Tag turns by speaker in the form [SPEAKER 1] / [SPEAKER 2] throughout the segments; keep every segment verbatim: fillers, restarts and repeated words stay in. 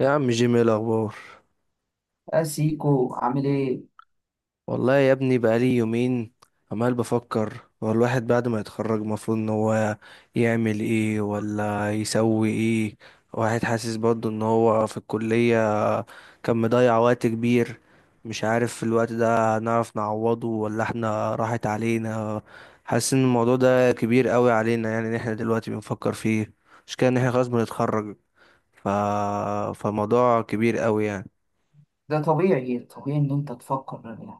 [SPEAKER 1] يا عم جيمي إيه الاخبار؟
[SPEAKER 2] يا سيكو عامل ايه؟
[SPEAKER 1] والله يا ابني بقالي يومين عمال بفكر هو الواحد بعد ما يتخرج المفروض ان هو يعمل ايه ولا يسوي ايه. واحد حاسس برضه ان هو في الكلية كان مضيع وقت كبير. مش عارف الوقت ده هنعرف نعوضه ولا احنا راحت علينا. حاسس ان الموضوع ده كبير قوي علينا، يعني ان احنا دلوقتي بنفكر فيه. مش كده ان احنا خلاص بنتخرج. ف... فالموضوع كبير قوي يعني.
[SPEAKER 2] ده طبيعي، طبيعي ان انت تفكر. يعني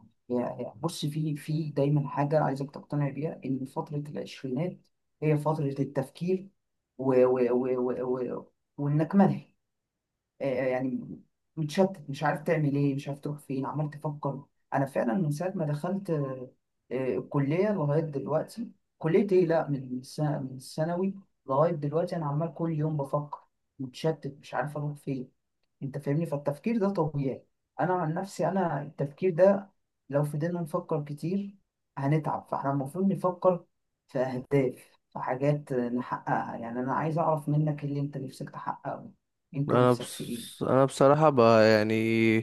[SPEAKER 2] يعني بص في في دايما حاجة عايزك تقتنع بيها ان فترة العشرينات هي فترة التفكير. و و و و و وانك ملهي، آه، آه، يعني متشتت، مش عارف تعمل ايه، مش عارف تروح فين، عمال تفكر. انا فعلا من ساعه ما دخلت آه، آه، الكليه لغايه دلوقتي. كليه ايه؟ لا، من سنة، من الثانوي لغايه دلوقتي انا عمال كل يوم بفكر، متشتت مش عارف اروح فين. انت فاهمني؟ فالتفكير ده طبيعي. انا عن نفسي انا التفكير ده لو فضلنا نفكر كتير هنتعب، فاحنا المفروض نفكر في اهداف، في حاجات نحققها. يعني انا عايز اعرف منك إيه اللي انت نفسك تحققه؟ انت
[SPEAKER 1] انا
[SPEAKER 2] نفسك في
[SPEAKER 1] بص...
[SPEAKER 2] ايه؟
[SPEAKER 1] انا بصراحة ب... يعني،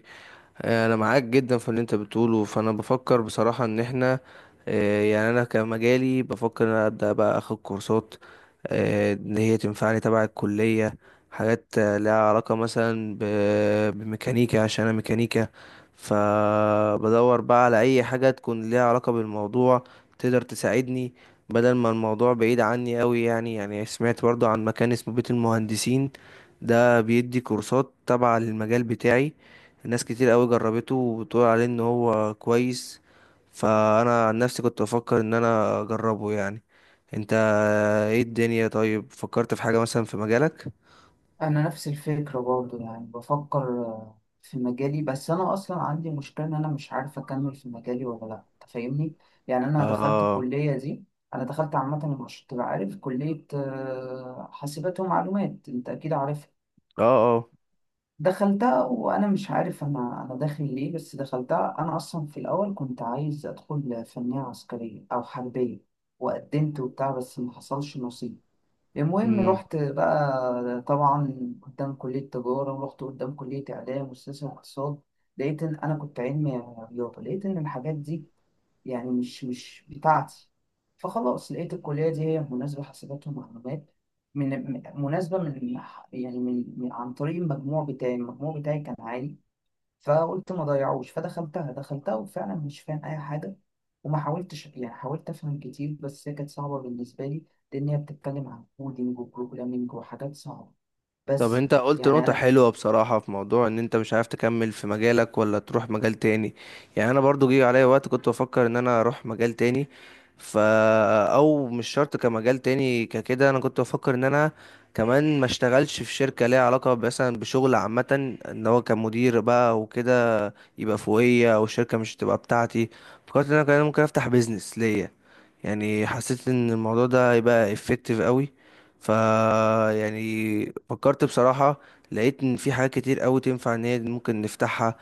[SPEAKER 1] انا معاك جدا في اللي انت بتقوله. فانا بفكر بصراحة ان احنا، آه، يعني انا كمجالي بفكر ان أنا ابدا بقى اخد كورسات آه، ان هي تنفعني تبع الكلية. حاجات آه، لها علاقة مثلا ب- بميكانيكا عشان انا ميكانيكا. فبدور بقى على اي حاجة تكون ليها علاقة بالموضوع، تقدر تساعدني. بدل ما الموضوع بعيد عني قوي، يعني يعني سمعت برضو عن مكان اسمه بيت المهندسين. ده بيدي كورسات تبع للمجال بتاعي. ناس كتير قوي جربته وبتقول عليه ان هو كويس. فانا عن نفسي كنت بفكر ان انا اجربه يعني. انت ايه الدنيا؟ طيب فكرت في حاجة مثلا في مجالك؟
[SPEAKER 2] انا نفس الفكره برضه، يعني بفكر آه، في مجالي، بس انا اصلا عندي مشكله ان انا مش عارف اكمل في مجالي ولا لا. أنت فاهمني؟ يعني انا دخلت
[SPEAKER 1] اه.
[SPEAKER 2] الكليه دي. انا دخلت عامه، مش تبقى عارف كليه آه، حاسبات ومعلومات، انت اكيد عارفها.
[SPEAKER 1] اه. اه.
[SPEAKER 2] دخلتها وانا مش عارف انا انا داخل ليه، بس دخلتها. انا اصلا في الاول كنت عايز ادخل فنيه عسكريه او حربيه، وقدمت وبتاع بس ما حصلش نصيب. المهم
[SPEAKER 1] مم.
[SPEAKER 2] رحت بقى طبعا قدام كلية تجارة، ورحت قدام كلية إعلام وسياسة واقتصاد، لقيت إن أنا كنت علمي رياضة، لقيت إن الحاجات دي يعني مش مش بتاعتي. فخلاص لقيت الكلية دي هي مناسبة، حاسبات ومعلومات، من من- مناسبة من يعني من من- عن طريق المجموع بتاعي. المجموع بتاعي كان عالي، فقلت ما ضيعوش، فدخلتها. دخلتها وفعلا مش فاهم اي حاجه، وما حاولتش. يعني حاولت افهم كتير بس هي كانت صعبه بالنسبه لي، لان هي بتتكلم عن كودينج وبروجرامينج وحاجات صعبه
[SPEAKER 1] طب
[SPEAKER 2] بس.
[SPEAKER 1] انت قلت
[SPEAKER 2] يعني
[SPEAKER 1] نقطة
[SPEAKER 2] انا
[SPEAKER 1] حلوة بصراحة في موضوع ان انت مش عارف تكمل في مجالك ولا تروح مجال تاني. يعني انا برضو جه عليا وقت كنت بفكر ان انا اروح مجال تاني. فا او مش شرط كمجال تاني ككده. انا كنت بفكر ان انا كمان ما اشتغلش في شركة ليها علاقة مثلا بشغل عامة، ان هو كمدير بقى وكده يبقى فوقية، او الشركة مش تبقى بتاعتي. فكرت ان انا كمان ممكن افتح بيزنس ليا. يعني حسيت ان الموضوع ده هيبقى effective قوي. ف يعني فكرت بصراحة، لقيت ان في حاجات كتير قوي تنفع ان هي ممكن نفتحها.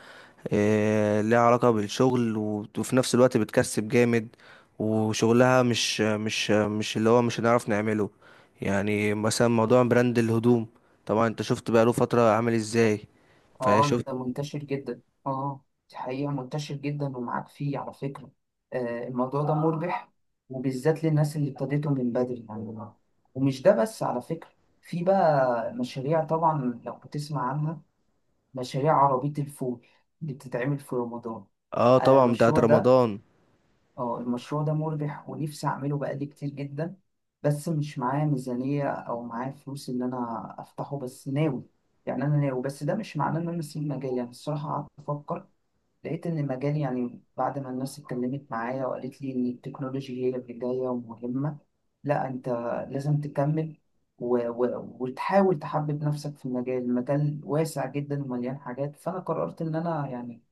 [SPEAKER 1] إيه، ليها علاقة بالشغل و- وفي نفس الوقت بتكسب جامد. وشغلها مش مش مش اللي هو مش هنعرف نعمله. يعني مثلا موضوع براند الهدوم. طبعا انت شفت بقى له فترة عامل ازاي.
[SPEAKER 2] اه،
[SPEAKER 1] فشفت.
[SPEAKER 2] ده منتشر جدا، اه، دي حقيقه منتشر جدا ومعاك فيه على فكره. آه، الموضوع ده مربح، وبالذات للناس اللي ابتديته من بدري يعني. ومش ده بس على فكره، في بقى مشاريع، طبعا لو بتسمع عنها، مشاريع عربية الفول اللي بتتعمل في رمضان.
[SPEAKER 1] اه،
[SPEAKER 2] أنا
[SPEAKER 1] طبعا بتاعت
[SPEAKER 2] المشروع ده،
[SPEAKER 1] رمضان.
[SPEAKER 2] اه المشروع ده مربح ونفسي أعمله بقالي كتير جدا، بس مش معايا ميزانية أو معايا فلوس إن أنا أفتحه، بس ناوي. يعني أنا ناوي، بس ده مش معناه إن أنا أسيب مجالي. أنا الصراحة قعدت أفكر، لقيت إن المجال يعني، بعد ما الناس اتكلمت معايا وقالت لي إن التكنولوجيا هي اللي جاية ومهمة، لا أنت لازم تكمل، و... و... وتحاول تحبب نفسك في المجال. المجال واسع جدا ومليان حاجات، فأنا قررت إن أنا يعني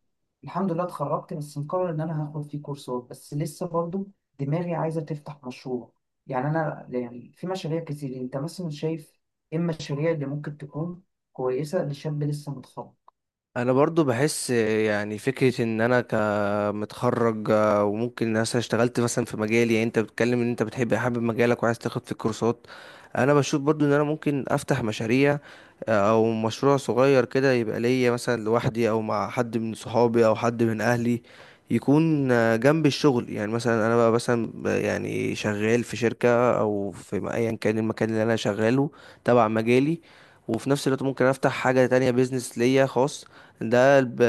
[SPEAKER 2] الحمد لله اتخرجت، بس مقرر إن أنا هاخد فيه كورسات، بس لسه برضو دماغي عايزة تفتح مشروع. يعني أنا يعني في مشاريع كتير، أنت مثلا شايف إيه المشاريع اللي ممكن تكون كويسة لشاب لسه متخرج؟
[SPEAKER 1] انا برضو بحس يعني فكرة ان انا ك آه، متخرج، آه، وممكن مثلا اشتغلت مثلا في مجالي. يعني انت بتتكلم ان انت بتحب حابب مجالك وعايز تاخد في الكورسات. انا بشوف برضو ان انا ممكن افتح مشاريع، آه، او مشروع صغير كده يبقى ليا مثلا لوحدي او مع حد من صحابي او حد من اهلي. يكون آه، جنب الشغل. يعني مثلا انا بقى مثلا ب- يعني شغال في شركة او في م- ايا كان المكان اللي انا شغاله تبع مجالي. وفي نفس الوقت ممكن افتح حاجة تانية، بيزنس ليا خاص. ده الب-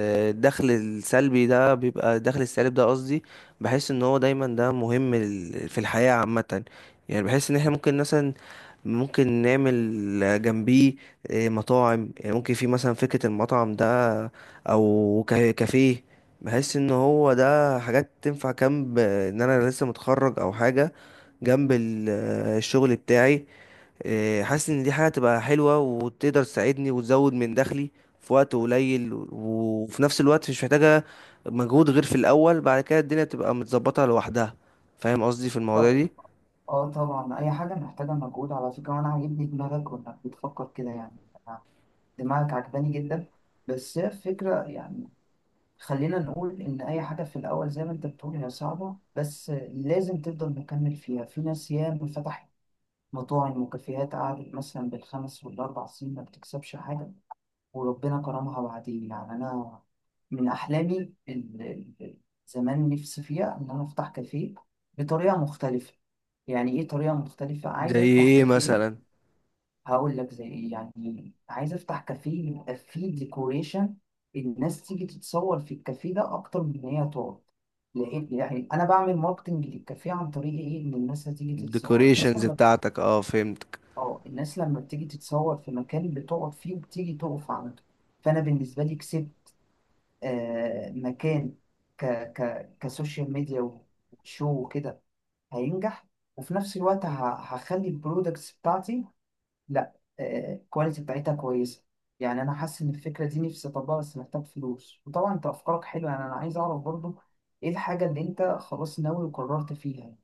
[SPEAKER 1] الدخل السلبي ده بيبقى الدخل السالب ده قصدي. بحس ان هو دايما ده مهم لل- في الحياة عامة. يعني بحس ان احنا ممكن مثلا ممكن نعمل جنبيه، إيه، مطاعم. يعني ممكن في مثلا فكرة المطعم ده، او كا- كافيه. بحس ان هو ده حاجات تنفع جنب ان انا لسه متخرج او حاجة جنب ال- الشغل بتاعي. إيه، حاسس ان دي حاجة تبقى حلوة وتقدر تساعدني وتزود من دخلي في وقت قليل، وفي نفس الوقت مش محتاجة مجهود غير في الاول. بعد كده الدنيا تبقى متظبطة لوحدها. فاهم قصدي في المواضيع دي؟
[SPEAKER 2] اه طبعا، اي حاجه محتاجه مجهود على فكره، وانا عاجبني دماغك وانك بتفكر كده. يعني أنا دماغك عجباني جدا. بس هي الفكره يعني خلينا نقول ان اي حاجه في الاول زي ما انت بتقول هي صعبه، بس لازم تفضل مكمل فيها. في ناس ياما فتحت مطاعم وكافيهات قعدت مثلا بالخمس والاربع سنين ما بتكسبش حاجه، وربنا كرمها بعدين. يعني أنا من أحلامي ال- ال- زمان نفسي فيها إن أنا أفتح كافيه بطريقة مختلفة. يعني إيه طريقة مختلفة؟ عايز
[SPEAKER 1] زي
[SPEAKER 2] أفتح
[SPEAKER 1] ايه
[SPEAKER 2] كافيه،
[SPEAKER 1] مثلا؟
[SPEAKER 2] هقول لك زي إيه. يعني عايز أفتح كافيه يبقى فيه ديكوريشن، الناس تيجي تتصور في الكافيه ده أكتر من إن هي تقعد، لأن يعني أنا بعمل ماركتنج للكافيه عن طريق إيه؟ إن الناس هتيجي تتصور. الناس
[SPEAKER 1] الديكوريشنز
[SPEAKER 2] لما بت-
[SPEAKER 1] بتاعتك، اه، فهمت.
[SPEAKER 2] آه الناس لما بتيجي تتصور في مكان بتقعد فيه وبتيجي تقف عنده، فأنا بالنسبة لي كسبت آه، مكان ك ك كسوشيال ميديا وشو وكده، هينجح. وفي نفس الوقت ه- هخلي البرودكتس بتاعتي، لا، الكواليتي بتاعتها كويسة. يعني أنا حاسس إن الفكرة دي نفسي أطبقها بس محتاج فلوس. وطبعا أنت أفكارك حلوة، يعني أنا عايز أعرف برضو إيه الحاجة اللي أنت خلاص ناوي وقررت فيها،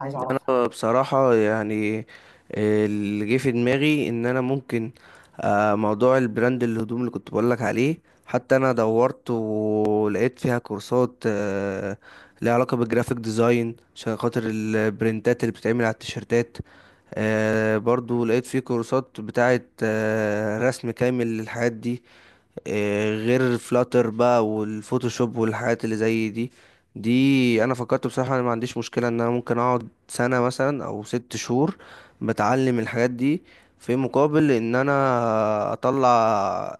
[SPEAKER 2] عايز أعرفها.
[SPEAKER 1] انا بصراحة يعني، آه، اللي جه في دماغي ان انا ممكن، آه، موضوع البراند الهدوم اللي كنت بقولك عليه. حتى انا دورت ولقيت فيها كورسات آه، ليها علاقة بالجرافيك ديزاين عشان خاطر البرنتات اللي بتتعمل على التيشيرتات. آه، برضو لقيت فيه كورسات بتاعة آه، رسم كامل للحاجات دي. إيه، غير فلاتر بقى والفوتوشوب والحاجات اللي زي دي. دي انا فكرت بصراحة، انا ما عنديش مشكلة ان انا ممكن اقعد سنة مثلا او ست شهور بتعلم الحاجات دي في مقابل ان انا اطلع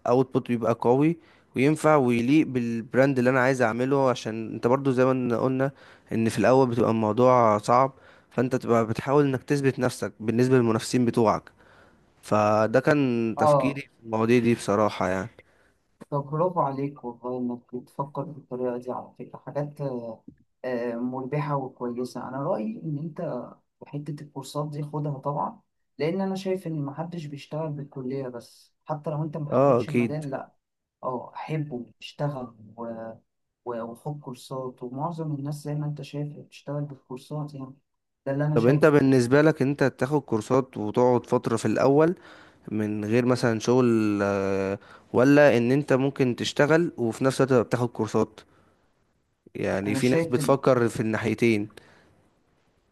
[SPEAKER 1] اوتبوت بيبقى قوي وينفع ويليق بالبراند اللي انا عايز اعمله. عشان انت برضو زي ما قلنا ان في الاول بتبقى الموضوع صعب، فانت تبقى بتحاول انك تثبت نفسك بالنسبة للمنافسين بتوعك. فده كان تفكيري
[SPEAKER 2] آه
[SPEAKER 1] في المواضيع دي بصراحة يعني.
[SPEAKER 2] طب برافو عليك والله، إنك بتفكر بالطريقة دي، على فكرة حاجات آه، آه، مربحة وكويسة. أنا رأيي إن أنت وحتة الكورسات دي خدها طبعا، لأن أنا شايف إن محدش بيشتغل بالكلية، بس حتى لو أنت
[SPEAKER 1] اه،
[SPEAKER 2] محبتش
[SPEAKER 1] اكيد.
[SPEAKER 2] المجال، لأ أه حبه، اشتغل و- و- وخد كورسات. ومعظم الناس زي ما أنت شايف بتشتغل بالكورسات يعني، ده اللي أنا
[SPEAKER 1] طب انت
[SPEAKER 2] شايفه.
[SPEAKER 1] بالنسبة لك انت تاخد كورسات وتقعد فترة في الاول من غير مثلا شغل، آه، ولا ان انت ممكن تشتغل وفي نفس الوقت تبقى بتاخد كورسات؟ يعني
[SPEAKER 2] أنا
[SPEAKER 1] في ناس
[SPEAKER 2] شايف إن
[SPEAKER 1] بتفكر في الناحيتين.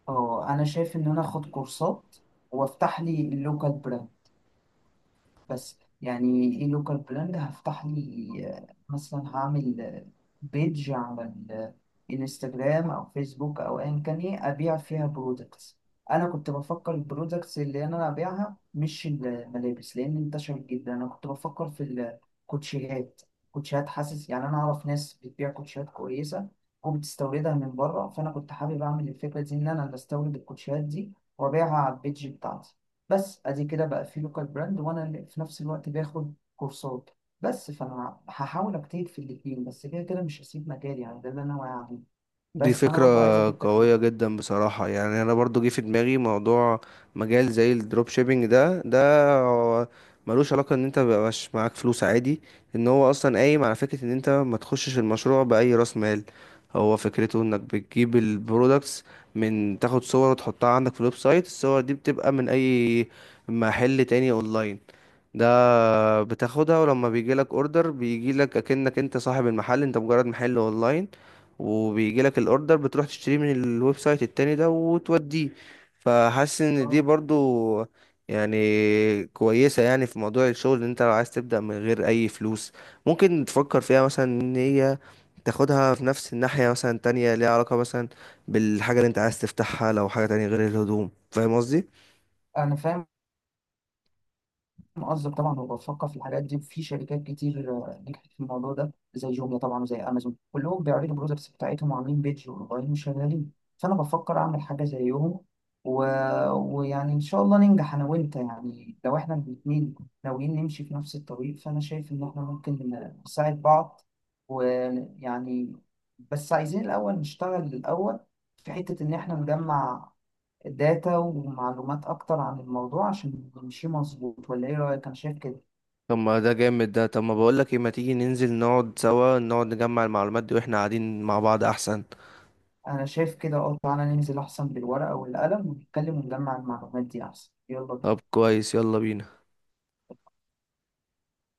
[SPEAKER 2] أه، أنا شايف إن أنا أخد كورسات وأفتح لي اللوكال براند. بس يعني ايه لوكال براند هفتح لي؟ آه، مثلا هعمل آه، بيج على الانستجرام او فيسبوك او ايا كان، ايه، ابيع فيها برودكتس. انا كنت بفكر البرودكتس اللي انا ابيعها مش الملابس لان انتشرت جدا، انا كنت بفكر في الكوتشيهات. كوتشيهات حاسس يعني، انا اعرف ناس بتبيع كوتشيهات كويسه وبتستوردها من بره، فانا كنت حابب اعمل الفكره دي ان انا بستورد الكوتشيهات دي وابيعها على البيج بتاعتي. بس ادي كده بقى في لوكال براند وانا اللي في نفس الوقت باخد كورسات، بس فانا هحاول اجتهد في الاثنين. بس كده كده مش هسيب مجالي، يعني ده اللي انا واعي عليه.
[SPEAKER 1] دي
[SPEAKER 2] بس فانا
[SPEAKER 1] فكرة
[SPEAKER 2] برضو عايزك انت كمان.
[SPEAKER 1] قوية جدا بصراحة يعني. أنا برضو جه في دماغي موضوع مجال زي الدروب شيبينج ده ده هو ملوش علاقة إن أنت مبقاش معاك فلوس عادي. إن هو أصلا قايم على فكرة إن أنت ما تخشش المشروع بأي رأس مال. هو فكرته إنك بتجيب البرودكتس، من تاخد صور وتحطها عندك في الويب سايت. الصور دي بتبقى من أي محل تاني أونلاين. ده بتاخدها، ولما بيجيلك اوردر بيجيلك اكنك انت صاحب المحل، انت مجرد محل اونلاين. وبيجيلك الاوردر بتروح تشتريه من الويب سايت التاني ده وتوديه. فحاسس ان دي
[SPEAKER 2] اه
[SPEAKER 1] برضو يعني كويسة. يعني في موضوع الشغل، ان انت لو عايز تبدأ من غير اي فلوس، ممكن تفكر فيها مثلا ان هي تاخدها في نفس الناحية مثلا تانية ليها علاقة مثلا بالحاجة اللي انت عايز تفتحها، لو حاجة تانية غير الهدوم. فاهم قصدي؟
[SPEAKER 2] انا فاهم قصدك طبعا، وبفكر في الحاجات دي. في شركات كتير آه، نجحت في الموضوع ده، زي جوميا طبعا وزي امازون، كلهم بيعرضوا البرودكتس بتاعتهم وعاملين بيدج وموبايلهم شغالين، فانا بفكر اعمل حاجه زيهم. و... ويعني ان شاء الله ننجح انا وانت. يعني لو احنا الاثنين ناويين نمشي في نفس الطريق، فانا شايف ان احنا ممكن نساعد بعض، ويعني بس عايزين الاول نشتغل الاول في حته ان احنا نجمع داتا ومعلومات أكتر عن الموضوع عشان نمشي مظبوط. ولا إيه رأيك؟ أنا شايف كده.
[SPEAKER 1] طب ما ده جامد ده. طب ما بقولك ايه، ما تيجي ننزل نقعد سوا نقعد نجمع المعلومات دي واحنا قاعدين مع بعض احسن.
[SPEAKER 2] أنا شايف كده، أه تعالى ننزل أحسن بالورقة والقلم، ونتكلم ونجمع المعلومات دي أحسن، يلا
[SPEAKER 1] طب
[SPEAKER 2] بينا.
[SPEAKER 1] كويس، يلا بينا.